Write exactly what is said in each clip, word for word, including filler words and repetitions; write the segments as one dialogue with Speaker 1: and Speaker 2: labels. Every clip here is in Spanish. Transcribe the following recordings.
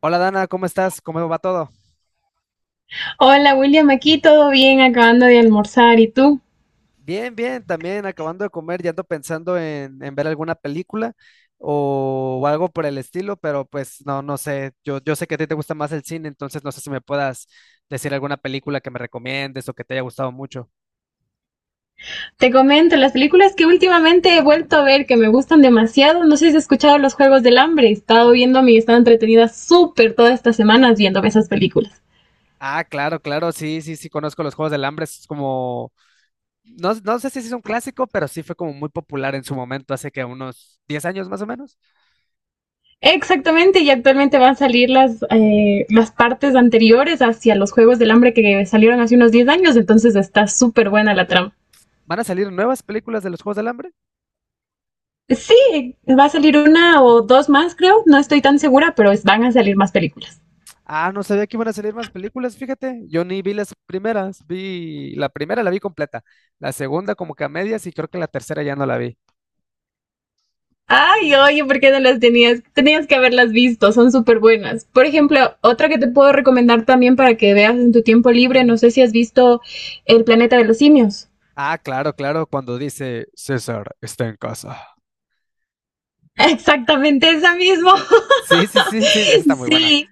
Speaker 1: Hola Dana, ¿cómo estás? ¿Cómo va todo?
Speaker 2: Hola William, aquí todo bien, acabando de almorzar. ¿Y tú?
Speaker 1: Bien, bien, también acabando de comer, ya ando pensando en, en ver alguna película o, o algo por el estilo, pero pues no, no sé, yo, yo sé que a ti te gusta más el cine, entonces no sé si me puedas decir alguna película que me recomiendes o que te haya gustado mucho.
Speaker 2: Te comento, las películas que últimamente he vuelto a ver que me gustan demasiado, no sé si has escuchado Los Juegos del Hambre, he estado viéndome y he estado entretenida súper todas estas semanas viéndome esas películas.
Speaker 1: Ah, claro, claro, sí, sí, sí, conozco los Juegos del Hambre, es como, no, no sé si sí es un clásico, pero sí fue como muy popular en su momento, hace que unos diez años más o menos.
Speaker 2: Exactamente, y actualmente van a salir las, eh, las partes anteriores hacia los Juegos del Hambre que salieron hace unos diez años, entonces está súper buena la trama.
Speaker 1: ¿Van a salir nuevas películas de los Juegos del Hambre?
Speaker 2: Sí, va a salir una o dos más, creo, no estoy tan segura, pero es- van a salir más películas.
Speaker 1: Ah, no sabía que iban a salir más películas, fíjate. Yo ni vi las primeras, vi la primera la vi completa, la segunda como que a medias y creo que la tercera ya no la vi.
Speaker 2: Ay, oye, ¿por qué no las tenías? Tenías que haberlas visto, son súper buenas. Por ejemplo, otra que te puedo recomendar también para que veas en tu tiempo libre, no sé si has visto El planeta de los simios.
Speaker 1: Ah, claro, claro, cuando dice César está en casa.
Speaker 2: Exactamente esa misma.
Speaker 1: Sí, sí, sí, sí, esa está muy buena.
Speaker 2: Sí,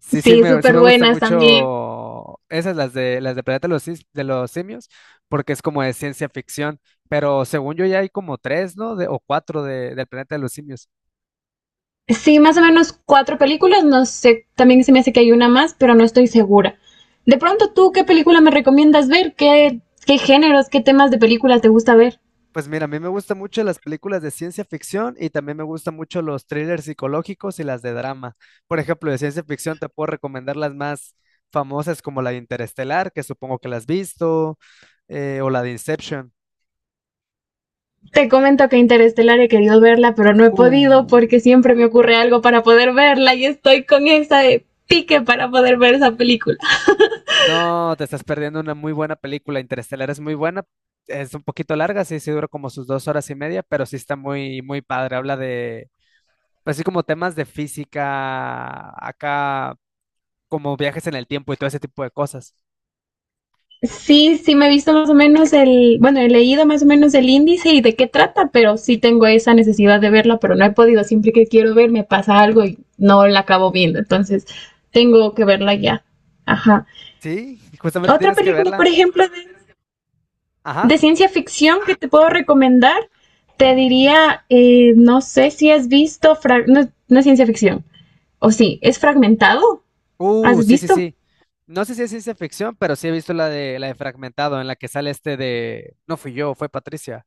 Speaker 1: Sí, sí
Speaker 2: sí,
Speaker 1: me, sí
Speaker 2: súper
Speaker 1: me gusta
Speaker 2: buenas también.
Speaker 1: mucho esas, las de las de Planeta de los, Sis- de los Simios, porque es como de ciencia ficción, pero según yo ya hay como tres, ¿no? De, o cuatro de, del Planeta de los Simios.
Speaker 2: Sí, más o menos cuatro películas, no sé, también se me hace que hay una más, pero no estoy segura. De pronto, ¿tú qué película me recomiendas ver? ¿Qué, ¿qué géneros, qué temas de películas te gusta ver?
Speaker 1: Pues mira, a mí me gustan mucho las películas de ciencia ficción y también me gustan mucho los thrillers psicológicos y las de drama. Por ejemplo, de ciencia ficción te puedo recomendar las más famosas como la de Interestelar, que supongo que la has visto, eh, o la de Inception.
Speaker 2: Te comento que Interestelar he querido verla, pero no he podido
Speaker 1: Uh.
Speaker 2: porque siempre me ocurre algo para poder verla y estoy con esa de pique para poder ver esa película.
Speaker 1: No, te estás perdiendo una muy buena película. Interestelar es muy buena. Es un poquito larga, sí, sí dura como sus dos horas y media, pero sí está muy, muy padre. Habla de, pues sí, como temas de física, acá, como viajes en el tiempo y todo ese tipo de cosas.
Speaker 2: Sí, sí me he visto más o menos el, bueno, he leído más o menos el índice y de qué trata, pero sí tengo esa necesidad de verla, pero no he podido, siempre que quiero ver me pasa algo y no la acabo viendo, entonces tengo que verla ya. Ajá.
Speaker 1: Sí, justamente
Speaker 2: Otra
Speaker 1: tienes que
Speaker 2: película, por
Speaker 1: verla.
Speaker 2: ejemplo, de
Speaker 1: Ajá.
Speaker 2: de ciencia ficción que te puedo recomendar, te diría, eh, no sé si has visto, no, no, es ciencia ficción, o sí, es fragmentado,
Speaker 1: Uh,
Speaker 2: ¿has
Speaker 1: sí, sí,
Speaker 2: visto?
Speaker 1: sí. No sé si es ciencia ficción, pero sí he visto la de la de Fragmentado, en la que sale este de, no fui yo, fue Patricia.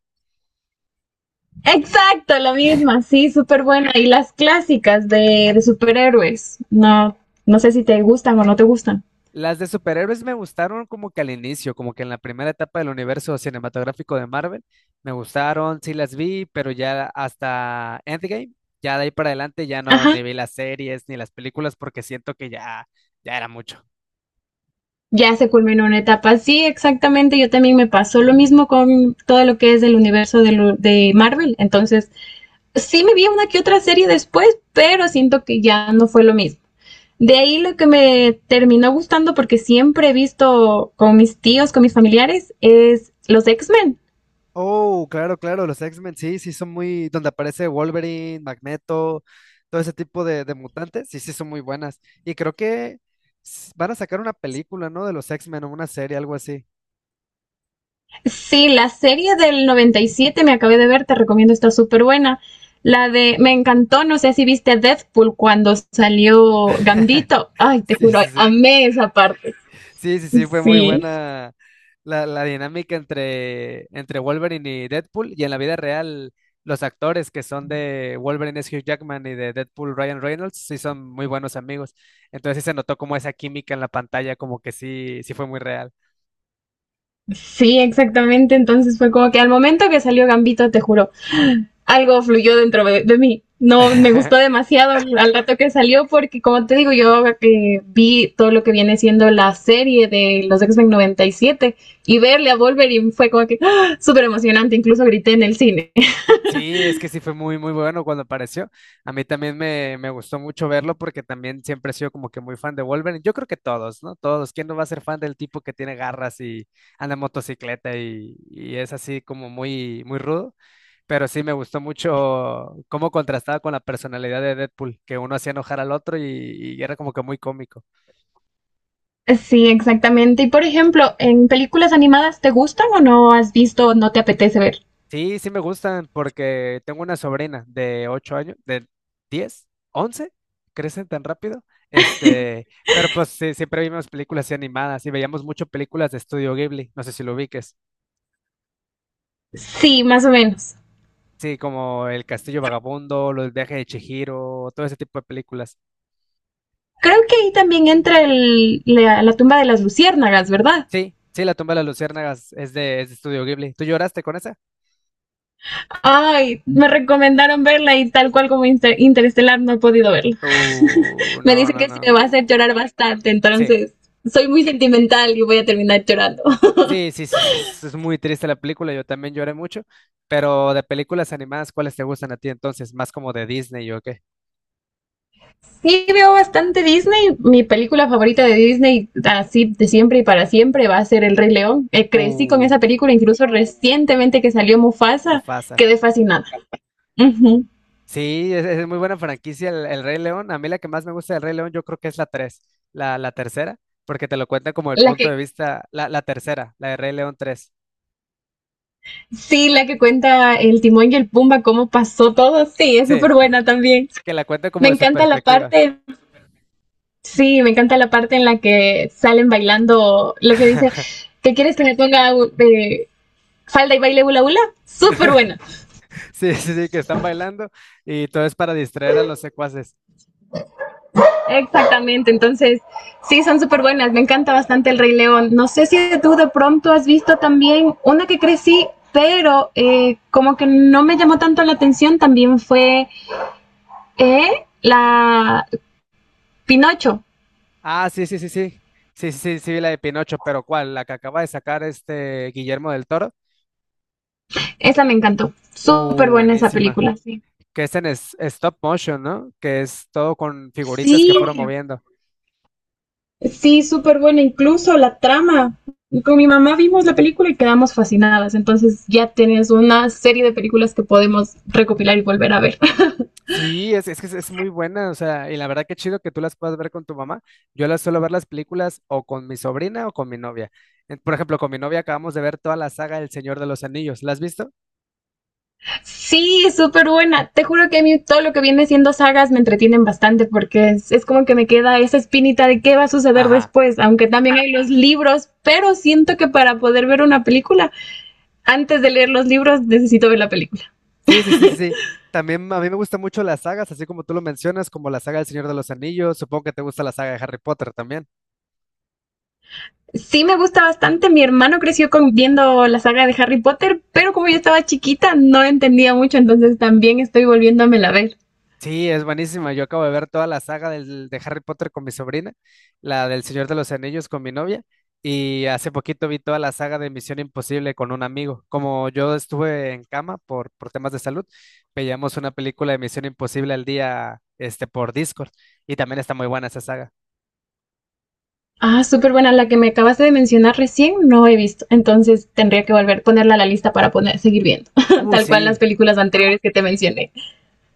Speaker 2: Exacto, la misma, sí, súper buena. Y las clásicas de, de, superhéroes, no, no sé si te gustan o no te gustan.
Speaker 1: Las de superhéroes me gustaron como que al inicio, como que en la primera etapa del universo cinematográfico de Marvel, me gustaron, sí las vi, pero ya hasta Endgame, ya de ahí para adelante ya no
Speaker 2: Ajá,
Speaker 1: ni vi las series ni las películas porque siento que ya, ya era mucho.
Speaker 2: ya se culminó una etapa, sí, exactamente, yo también me pasó lo mismo con todo lo que es del universo de, lo, de Marvel, entonces sí me vi una que otra serie después, pero siento que ya no fue lo mismo. De ahí lo que me terminó gustando, porque siempre he visto con mis tíos, con mis familiares, es los X-Men.
Speaker 1: Oh, claro, claro, los X-Men sí, sí son muy, donde aparece Wolverine, Magneto, todo ese tipo de, de mutantes, sí, sí son muy buenas. Y creo que s- van a sacar una película, ¿no? De los X-Men o una serie, algo así.
Speaker 2: Sí, la serie del noventa y siete me acabé de ver, te recomiendo, está súper buena. La de, me encantó, no sé si viste Deadpool cuando salió Gambito. Ay, te
Speaker 1: Sí,
Speaker 2: juro,
Speaker 1: sí, sí.
Speaker 2: amé esa parte.
Speaker 1: Sí, sí, sí, fue muy
Speaker 2: Sí,
Speaker 1: buena la, la dinámica entre, entre Wolverine y Deadpool. Y en la vida real, los actores que son de Wolverine es Hugh Jackman y de Deadpool Ryan Reynolds, sí son muy buenos amigos. Entonces sí se notó como esa química en la pantalla, como que sí, sí fue muy real.
Speaker 2: sí, exactamente. Entonces fue como que al momento que salió Gambito, te juro, algo fluyó dentro de, de, mí. No, me gustó demasiado al al rato que salió porque, como te digo, yo eh, vi todo lo que viene siendo la serie de los X-Men noventa y siete y siete y verle a Wolverine fue como que ¡ah! Súper emocionante, incluso grité en el cine.
Speaker 1: Sí, es que sí fue muy, muy bueno cuando apareció. A mí también me, me gustó mucho verlo porque también siempre he sido como que muy fan de Wolverine. Yo creo que todos, ¿no? Todos. ¿Quién no va a ser fan del tipo que tiene garras y anda en motocicleta y, y es así como muy, muy rudo? Pero sí me gustó mucho cómo contrastaba con la personalidad de Deadpool, que uno hacía enojar al otro y, y era como que muy cómico.
Speaker 2: Sí, exactamente. Y, por ejemplo, ¿en películas animadas te gustan o no has visto o no te apetece ver?
Speaker 1: Sí, sí me gustan porque tengo una sobrina de ocho años, de diez, once, crecen tan rápido. Este, pero pues sí, siempre vimos películas así animadas y veíamos mucho películas de Estudio Ghibli, no sé si lo ubiques.
Speaker 2: Sí, más o menos.
Speaker 1: Sí, como El Castillo Vagabundo, Los Viajes de Chihiro, todo ese tipo de películas.
Speaker 2: Creo que ahí también entra el, la, la tumba de las luciérnagas, ¿verdad?
Speaker 1: Sí, sí, La tumba de las luciérnagas es de, es de Estudio Ghibli. ¿Tú lloraste con esa?
Speaker 2: Ay, me recomendaron verla y tal cual como Inter- Interestelar no he podido verla.
Speaker 1: Uh,
Speaker 2: Me
Speaker 1: no,
Speaker 2: dice
Speaker 1: no,
Speaker 2: que sí me
Speaker 1: no.
Speaker 2: va a hacer llorar bastante,
Speaker 1: Sí.
Speaker 2: entonces soy muy sentimental y voy a terminar llorando.
Speaker 1: Sí, sí, sí, es, es- es muy triste la película, yo también lloré mucho, pero de películas animadas, ¿cuáles te gustan a ti entonces? ¿Más como de Disney o qué?
Speaker 2: Sí veo bastante Disney. Mi película favorita de Disney, así de siempre y para siempre, va a ser El Rey León. Eh, crecí con
Speaker 1: Uh,
Speaker 2: esa película, incluso recientemente que salió Mufasa,
Speaker 1: Mufasa.
Speaker 2: quedé fascinada. Ujú.
Speaker 1: Sí, es, es muy buena franquicia el, el Rey León. A mí la que más me gusta del Rey León yo creo que es la tres, la, la tercera, porque te lo cuenta como el
Speaker 2: La
Speaker 1: punto
Speaker 2: que
Speaker 1: de vista, la, la tercera, la de Rey León tres.
Speaker 2: Sí, la que cuenta el Timón y el Pumba, cómo pasó todo, sí, es súper
Speaker 1: Sí,
Speaker 2: buena también.
Speaker 1: que la cuenta como
Speaker 2: Me
Speaker 1: de su
Speaker 2: encanta la
Speaker 1: perspectiva.
Speaker 2: parte Sí, me encanta la parte en la que salen bailando lo que dice, ¿qué quieres que me ponga de falda y baile hula hula? Súper buena.
Speaker 1: Sí, sí, sí, que están bailando y todo es para distraer a los secuaces.
Speaker 2: Exactamente, entonces sí, son súper buenas. Me encanta bastante El Rey León. No sé si tú de pronto has visto también una que crecí, pero eh, como que no me llamó tanto la atención, también fue eh, la Pinocho.
Speaker 1: Ah, sí, sí, sí, sí. Sí, sí, sí, sí, vi la de Pinocho, pero ¿cuál? La que acaba de sacar este Guillermo del Toro.
Speaker 2: Esa me encantó. Súper
Speaker 1: Uh,
Speaker 2: buena esa
Speaker 1: buenísima.
Speaker 2: película, sí.
Speaker 1: Que es en es- stop motion, ¿no? Que es todo con figuritas que
Speaker 2: Sí,
Speaker 1: fueron moviendo.
Speaker 2: sí, súper buena, incluso la trama. Con mi mamá vimos la película y quedamos fascinadas, entonces ya tienes una serie de películas que podemos recopilar y volver a ver.
Speaker 1: Sí, es, es que es, es muy buena, o sea, y la verdad que chido que tú las puedas ver con tu mamá. Yo las suelo ver las películas o con mi sobrina o con mi novia. En- Por ejemplo, con mi novia acabamos de ver toda la saga El Señor de los Anillos. ¿La has visto?
Speaker 2: Sí, súper buena. Te juro que a mí todo lo que viene siendo sagas me entretienen bastante porque es, es como que me queda esa espinita de qué va a suceder
Speaker 1: Ajá.
Speaker 2: después, aunque también hay los libros, pero siento que para poder ver una película, antes de leer los libros necesito ver la película.
Speaker 1: Sí, sí, sí, sí, sí. También a mí me gustan mucho las sagas, así como tú lo mencionas, como la saga del Señor de los Anillos. Supongo que te gusta la saga de Harry Potter también.
Speaker 2: Sí me gusta bastante, mi hermano creció con, viendo la saga de Harry Potter, pero como yo estaba chiquita no entendía mucho, entonces también estoy volviéndomela a ver.
Speaker 1: Sí, es buenísima. Yo acabo de ver toda la saga del- de Harry Potter con mi sobrina, la del Señor de los Anillos con mi novia, y hace poquito vi toda la saga de Misión Imposible con un amigo. Como yo estuve en cama por, por temas de salud, veíamos una película de Misión Imposible al día, este, por Discord, y también está muy buena esa saga.
Speaker 2: Ah, súper buena, la que me acabaste de mencionar recién no he visto, entonces tendría que volver a ponerla a la lista para poner, seguir viendo,
Speaker 1: Uh,
Speaker 2: tal cual las
Speaker 1: sí.
Speaker 2: películas anteriores que te mencioné.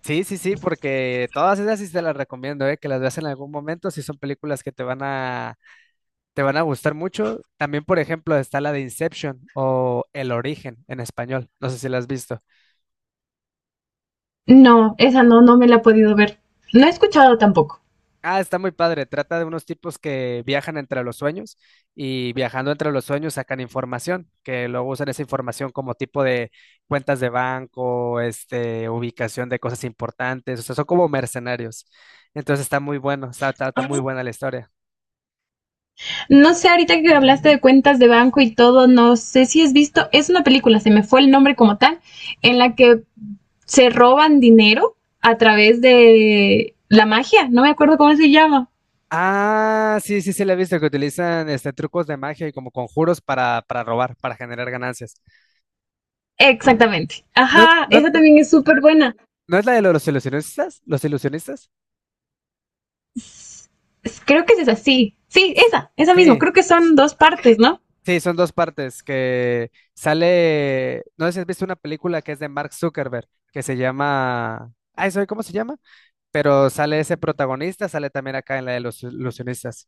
Speaker 1: Sí, sí, sí, porque todas esas sí te las recomiendo, eh, que las veas en algún momento, si son películas que te van a, te van a gustar mucho. También, por ejemplo, está la de Inception o El Origen en español, no sé si la has visto.
Speaker 2: No, esa no, no me la he podido ver. No he escuchado tampoco.
Speaker 1: Ah, está muy padre, trata de unos tipos que viajan entre los sueños y viajando entre los sueños sacan información, que luego usan esa información como tipo de cuentas de banco, este, ubicación de cosas importantes, o sea, son como mercenarios. Entonces está muy bueno, está, está está muy buena la historia.
Speaker 2: No sé, ahorita que hablaste de cuentas de banco y todo, no sé si has visto, es una película, se me fue el nombre como tal, en la que se roban dinero a través de la magia, no me acuerdo cómo se llama.
Speaker 1: Ah, sí, sí, sí, la he visto que utilizan este, trucos de magia y como conjuros para, para robar, para generar ganancias.
Speaker 2: Exactamente.
Speaker 1: ¿No,
Speaker 2: Ajá,
Speaker 1: no,
Speaker 2: esa también es súper buena.
Speaker 1: no es la de los ilusionistas? ¿Los ilusionistas?
Speaker 2: Creo que es esa, sí. Sí, esa, esa mismo.
Speaker 1: Sí,
Speaker 2: Creo que son dos partes, ¿no?
Speaker 1: sí, son dos partes que sale. No sé si has visto una película que es de Mark Zuckerberg que se llama. Ay, ¿sabe cómo se llama? Pero sale ese protagonista, sale también acá en la de los ilusionistas.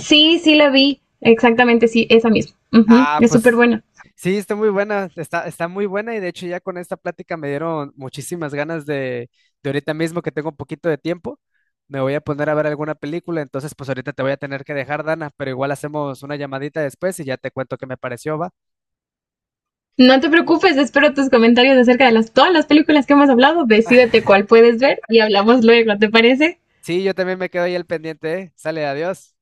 Speaker 2: Sí, sí la vi. Exactamente, sí, esa misma. Ujú,
Speaker 1: Ah,
Speaker 2: es súper
Speaker 1: pues
Speaker 2: buena.
Speaker 1: sí, está muy buena, está, está muy buena y de hecho ya con esta plática me dieron muchísimas ganas de, de ahorita mismo que tengo un poquito de tiempo, me voy a poner a ver alguna película, entonces pues ahorita te voy a tener que dejar, Dana, pero igual hacemos una llamadita después y ya te cuento qué me pareció, ¿va?
Speaker 2: No te preocupes, espero tus comentarios acerca de las, todas las películas que hemos hablado. Decídete cuál puedes ver y hablamos luego, ¿te parece?
Speaker 1: Sí, yo también me quedo ahí al pendiente, ¿eh? Sale, adiós.